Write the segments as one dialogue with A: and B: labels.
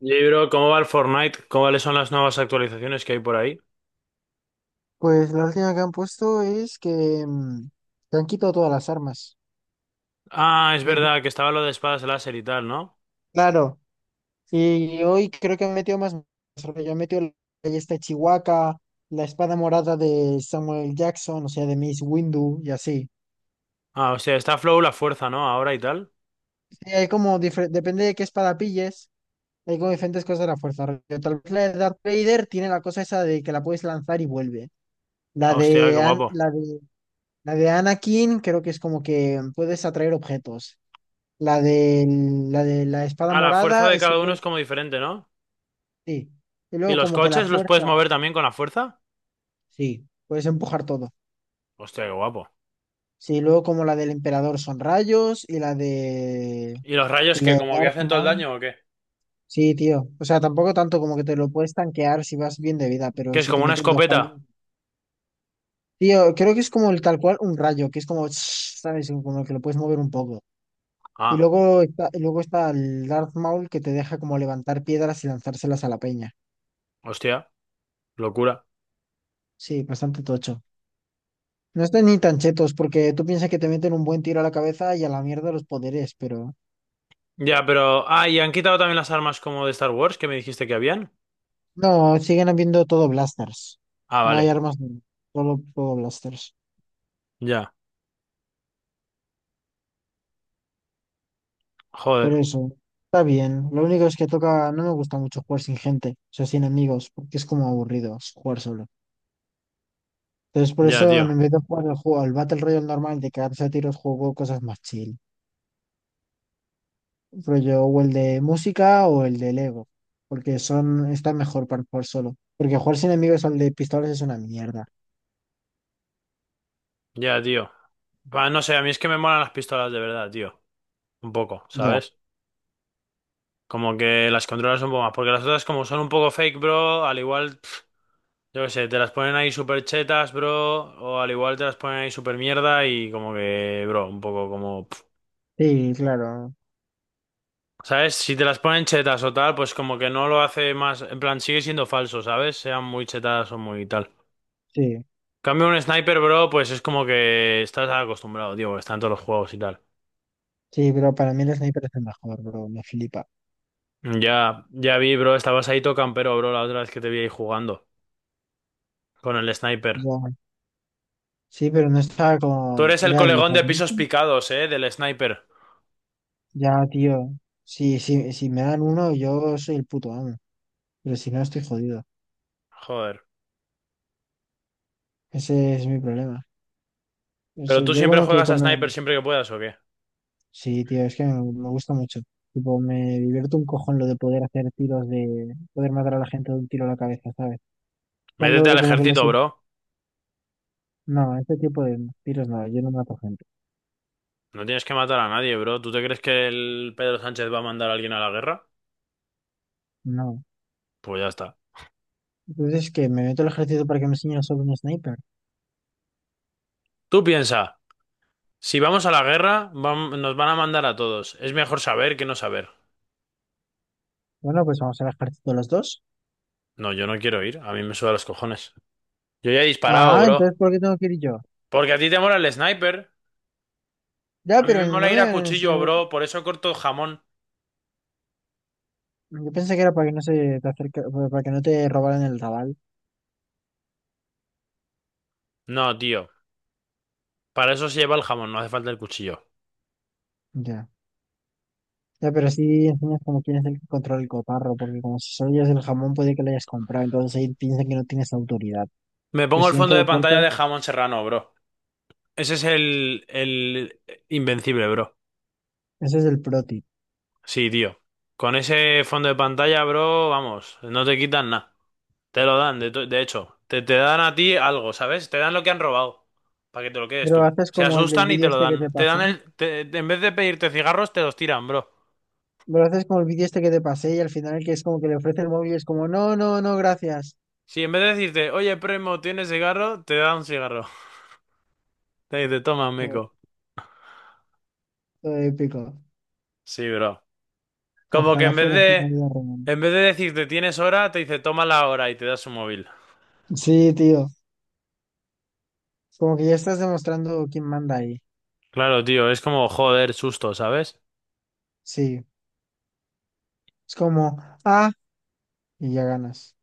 A: Y, bro, ¿cómo va el Fortnite? ¿Cuáles son las nuevas actualizaciones que hay por ahí?
B: Pues la última que han puesto es que, que han quitado todas las armas.
A: Ah, es
B: Y en-
A: verdad que estaba lo de espadas láser y tal, ¿no?
B: Claro, y hoy creo que han metido más. Yo han metido la ballesta de Chihuahua, la espada morada de Samuel Jackson, o sea, de Miss Windu y así.
A: Ah, hostia, está Flow la fuerza, ¿no? Ahora y tal.
B: Sí, hay como depende de qué espada pilles, hay como diferentes cosas de la fuerza. Rollo, tal vez la de Darth Vader tiene la cosa esa de que la puedes lanzar y vuelve. La
A: Ah, hostia, qué
B: de, An-
A: guapo.
B: la de Anakin creo que es como que puedes atraer objetos. La de la de la espada
A: Ah, la fuerza
B: morada
A: de
B: es que
A: cada uno es
B: puedes,
A: como diferente, ¿no?
B: sí. Y
A: ¿Y
B: luego
A: los
B: como que la
A: coches los puedes
B: fuerza,
A: mover también con la fuerza?
B: sí, puedes empujar todo.
A: Hostia, qué guapo.
B: Sí, luego como la del emperador son rayos
A: ¿Y los rayos
B: y la
A: que
B: de
A: como que
B: Darth
A: hacen todo el
B: Maul.
A: daño o qué?
B: Sí, tío. O sea, tampoco tanto como que te lo puedes tanquear si vas bien de vida, pero
A: ¿Que es
B: si te
A: como una
B: meten dos rayos.
A: escopeta?
B: Tío, creo que es como el tal cual un rayo, que es como, ¿sabes? Como que lo puedes mover un poco.
A: Ah,
B: Y luego está el Darth Maul que te deja como levantar piedras y lanzárselas a la peña.
A: hostia, locura.
B: Sí, bastante tocho. No están ni tan chetos, porque tú piensas que te meten un buen tiro a la cabeza y a la mierda los poderes, pero.
A: Ya, pero... Ah, y han quitado también las armas como de Star Wars que me dijiste que habían.
B: No, siguen habiendo todo blasters.
A: Ah,
B: No hay
A: vale.
B: armas, no. Solo todo blasters.
A: Ya.
B: Pero
A: Joder.
B: eso, está bien. Lo único es que toca. No me gusta mucho jugar sin gente, o sea, sin amigos, porque es como aburrido jugar solo. Entonces, por
A: Ya,
B: eso,
A: tío.
B: en vez de jugar el juego, al Battle Royale normal de cagarse a tiros, juego cosas más chill. Rollo, o el de música o el de Lego, porque son, está mejor para jugar solo. Porque jugar sin amigos al de pistolas es una mierda.
A: Ya, tío. Va, no sé, a mí es que me molan las pistolas de verdad, tío. Un poco,
B: Ya.
A: ¿sabes? Como que las controlas un poco más. Porque las otras, como son un poco fake, bro, al igual, pf, yo qué sé, te las ponen ahí super chetas, bro. O al igual te las ponen ahí super mierda y como que, bro, un poco como... pf,
B: Sí, claro,
A: ¿sabes? Si te las ponen chetas o tal, pues como que no lo hace más... En plan, sigue siendo falso, ¿sabes? Sean muy chetas o muy tal.
B: sí,
A: Cambio un sniper, bro, pues es como que estás acostumbrado, tío, porque está en todos los juegos y tal.
B: sí, pero para mí el sniper es el mejor, bro, me flipa.
A: Ya, ya vi, bro. Estabas ahí todo campero, bro, la otra vez que te vi ahí jugando con el sniper.
B: Ya, sí, pero no estaba
A: Tú
B: con,
A: eres el
B: era el
A: colegón de pisos
B: favorito.
A: picados, del sniper.
B: Ya, tío, sí, sí, si me dan uno, yo soy el puto amo, pero si no, estoy jodido.
A: Joder.
B: Ese es mi problema.
A: Pero
B: Eso,
A: tú
B: yo
A: siempre
B: como que
A: juegas a
B: cuando,
A: sniper siempre que puedas, ¿o qué?
B: sí, tío, es que me gusta mucho. Tipo, me divierto un cojón lo de poder hacer tiros de, poder matar a la gente de un tiro a la cabeza, ¿sabes?
A: Métete
B: Cuando
A: al
B: como que lo
A: ejército,
B: sé,
A: bro.
B: no, este tipo de tiros no, yo no mato gente,
A: No tienes que matar a nadie, bro. ¿Tú te crees que el Pedro Sánchez va a mandar a alguien a la guerra?
B: no.
A: Pues ya está.
B: Entonces, que me meto al ejército para que me enseñen sobre un sniper.
A: Tú piensa, si vamos a la guerra, nos van a mandar a todos. Es mejor saber que no saber.
B: Bueno, pues vamos al ejército los dos.
A: No, yo no quiero ir. A mí me suda los cojones. Yo ya he disparado,
B: Ah,
A: bro.
B: entonces, ¿por qué tengo que ir yo?
A: Porque a ti te mola el sniper.
B: Ya,
A: A mí me
B: pero
A: mola
B: no
A: ir
B: me
A: a
B: van a
A: cuchillo,
B: enseñar.
A: bro. Por eso corto el jamón.
B: Yo pensé que era para que no se te acerca, para que no te robaran el rabal.
A: No, tío. Para eso se lleva el jamón, no hace falta el cuchillo.
B: Ya. Ya, pero sí enseñas como quién es el que controla el cotarro, porque como si solo llevas el jamón, puede que lo hayas comprado, entonces ahí piensan que no tienes autoridad.
A: Me
B: Pero
A: pongo el
B: si ven que
A: fondo de
B: lo
A: pantalla
B: cortas,
A: de jamón serrano, bro. Ese es el invencible, bro.
B: ese es el pro tip.
A: Sí, tío. Con ese fondo de pantalla, bro, vamos, no te quitan nada. Te lo dan, de, de hecho. Te dan a ti algo, ¿sabes? Te dan lo que han robado. Para que te lo quedes
B: Pero
A: tú.
B: haces
A: Se
B: como el del
A: asustan y te
B: vídeo
A: lo
B: este que te
A: dan. Te dan
B: pasé.
A: el... en vez de pedirte cigarros, te los tiran, bro.
B: Pero haces como el vídeo este que te pasé y al final que es como que le ofrece el móvil y es como, no, no, no, gracias.
A: Si en vez de decirte, oye, primo, ¿tienes cigarro? Te dan un cigarro. Te toman, meco.
B: Todo épico.
A: Sí, bro. Como que
B: Ojalá fuera así la vida real.
A: en vez de decirte tienes hora, te dice toma la hora y te das un móvil.
B: Sí, tío. Como que ya estás demostrando quién manda ahí.
A: Claro, tío, es como joder, susto, ¿sabes?
B: Sí. Es como, ah, y ya ganas.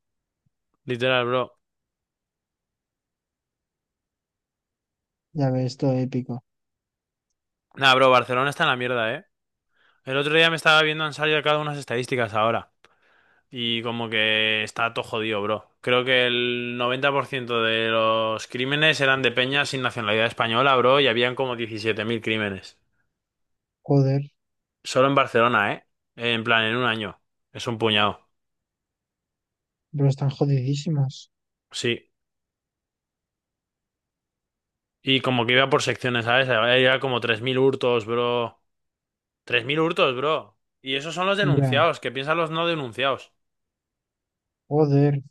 A: Literal, bro.
B: Ya ves, todo épico.
A: Nah, bro, Barcelona está en la mierda, ¿eh? El otro día me estaba viendo, han salido cada unas estadísticas ahora. Y como que está todo jodido, bro. Creo que el 90% de los crímenes eran de peñas sin nacionalidad española, bro, y habían como 17.000 crímenes.
B: Joder,
A: Solo en Barcelona, ¿eh? En plan, en un año. Es un puñado.
B: pero están jodidísimos.
A: Sí. Y como que iba por secciones, ¿sabes? Había como 3.000 hurtos, bro. 3.000 hurtos, bro. Y esos son los
B: Ya,
A: denunciados. ¿Qué piensan los no denunciados?
B: joder,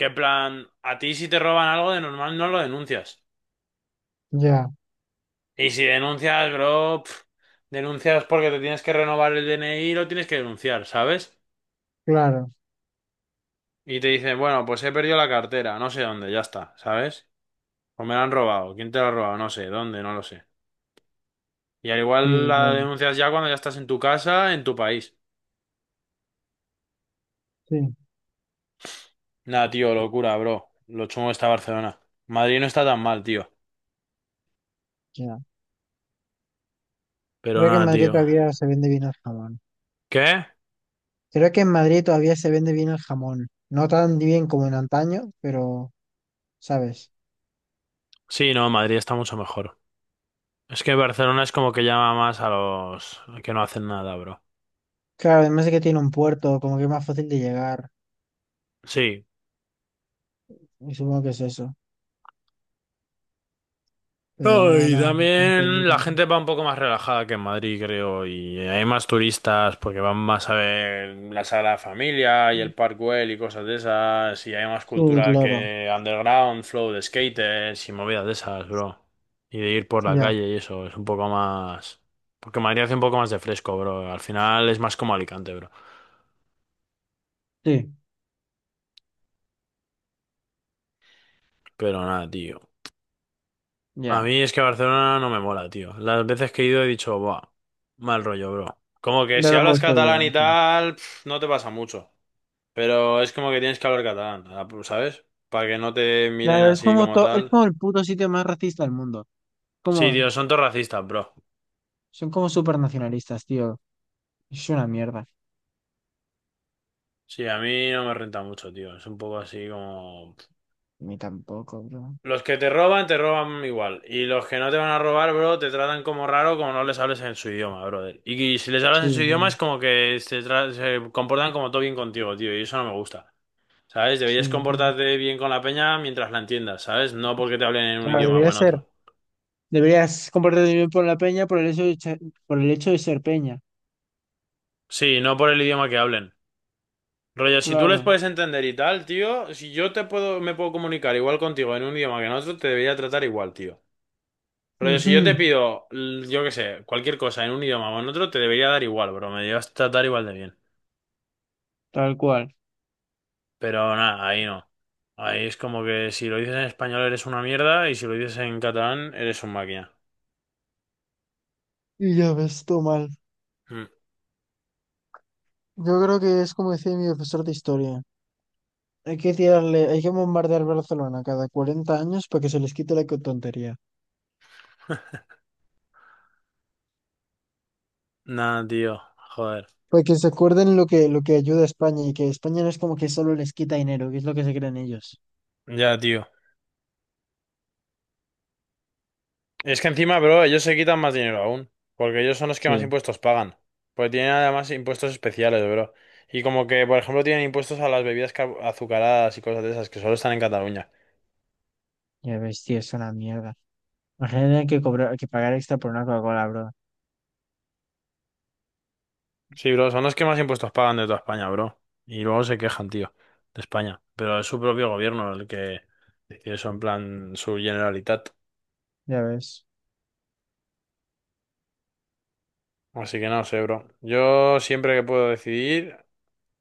A: Que en plan, a ti si te roban algo de normal no lo denuncias.
B: ya,
A: Y si denuncias, bro, pf, denuncias porque te tienes que renovar el DNI y lo tienes que denunciar, ¿sabes?
B: claro.
A: Y te dicen, bueno, pues he perdido la cartera, no sé dónde, ya está, ¿sabes? O me la han robado. ¿Quién te la ha robado? No sé, ¿dónde? No lo sé. Y al igual
B: Sí,
A: la
B: bueno,
A: denuncias ya cuando ya estás en tu casa, en tu país.
B: sí,
A: Nada, tío, locura, bro. Lo chungo está Barcelona. Madrid no está tan mal, tío.
B: ya.
A: Pero
B: Creo que en
A: nada,
B: Madrid
A: tío.
B: todavía se vende bien el jamón.
A: ¿Qué?
B: Creo que en Madrid todavía se vende bien el jamón. No tan bien como en antaño, pero, ¿sabes?
A: Sí, no, Madrid está mucho mejor. Es que Barcelona es como que llama más a los que no hacen nada, bro.
B: Claro, además de que tiene un puerto, como que es más fácil de llegar.
A: Sí,
B: Y supongo que es eso. Pero
A: no,
B: nada,
A: y
B: nada.
A: también la gente va un poco más relajada que en Madrid, creo, y hay más turistas porque van más a ver la Sagrada Familia y el Parkwell y cosas de esas, y hay más
B: Sí,
A: cultura
B: claro.
A: que underground, flow de skaters y movidas de esas, bro. Y de ir por la
B: Ya,
A: calle y eso, es un poco más... Porque Madrid hace un poco más de fresco, bro. Al final es más como Alicante, bro.
B: sí,
A: Pero nada, tío. A
B: ya.
A: mí es que Barcelona no me mola, tío. Las veces que he ido he dicho, buah, mal rollo, bro. Como que
B: Ya
A: si
B: tampoco
A: hablas
B: es que haya
A: catalán y
B: mucho.
A: tal, pf, no te pasa mucho. Pero es como que tienes que hablar catalán, ¿sabes? Para que no te miren
B: Claro, es
A: así
B: como,
A: como
B: es
A: tal.
B: como el puto sitio más racista del mundo.
A: Sí,
B: Como,
A: tío, son todos racistas, bro.
B: son como super nacionalistas, tío. Es una mierda.
A: Sí, a mí no me renta mucho, tío. Es un poco así como...
B: Ni tampoco, bro.
A: Los que te roban igual. Y los que no te van a robar, bro, te tratan como raro como no les hables en su idioma, brother. Y si les hablas
B: Sí,
A: en su idioma
B: bro.
A: es como que se, se comportan como todo bien contigo, tío. Y eso no me gusta. ¿Sabes? Deberías
B: Sí, bro.
A: comportarte bien con la peña mientras la entiendas, ¿sabes? No porque te hablen en un
B: Claro,
A: idioma o
B: debería
A: en
B: ser.
A: otro.
B: Deberías comportarte bien por la peña por el hecho de, por el hecho de ser peña.
A: Sí, no por el idioma que hablen. Rollo, si tú les
B: Claro.
A: puedes entender y tal, tío, si yo te puedo, me puedo comunicar igual contigo en un idioma que en otro, te debería tratar igual, tío. Rollo, si yo te
B: Ujú.
A: pido, yo qué sé, cualquier cosa en un idioma o en otro, te debería dar igual, bro. Me deberías tratar igual de bien.
B: Tal cual.
A: Pero nada, ahí no. Ahí es como que si lo dices en español eres una mierda y si lo dices en catalán eres un máquina.
B: Y ya ves, todo mal.
A: Mm.
B: Yo creo que es como decía mi profesor de historia. Hay que tirarle, hay que bombardear Barcelona cada 40 años para que se les quite la tontería.
A: Nada, tío. Joder.
B: Para que se acuerden lo que ayuda a España y que España no es como que solo les quita dinero, que es lo que se creen ellos.
A: Ya, tío. Es que encima, bro, ellos se quitan más dinero aún, porque ellos son los que más
B: Sí.
A: impuestos pagan, porque tienen además impuestos especiales, bro. Y como que, por ejemplo, tienen impuestos a las bebidas azucaradas y cosas de esas que solo están en Cataluña.
B: Ya ves, tío, es una mierda. Imagínate que cobrar, que pagar extra por una Coca-Cola, bro.
A: Sí, bro, son los que más impuestos pagan de toda España, bro. Y luego se quejan, tío, de España. Pero es su propio gobierno el que decide eso, en plan su Generalitat.
B: Ya ves,
A: Así que no sé, bro. Yo siempre que puedo decidir,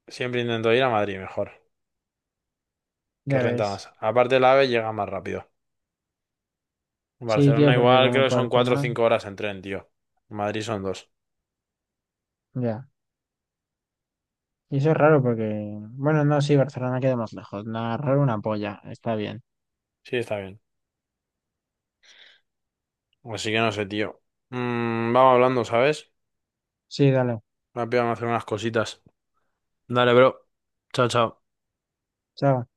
A: siempre intento ir a Madrid mejor, que
B: ya
A: renta
B: ves.
A: más. Aparte, el AVE llega más rápido.
B: Sí, tío,
A: Barcelona
B: porque
A: igual
B: como
A: creo que son cuatro o
B: Barcelona,
A: cinco horas en tren, tío. Madrid son dos.
B: ya. Y eso es raro porque, bueno, no, sí, Barcelona queda más lejos. Nada, raro una polla. Está bien.
A: Sí, está bien. Así que no sé, tío. Vamos hablando, ¿sabes?
B: Sí, dale.
A: Rápido vamos a hacer unas cositas. Dale, bro. Chao, chao.
B: Chao.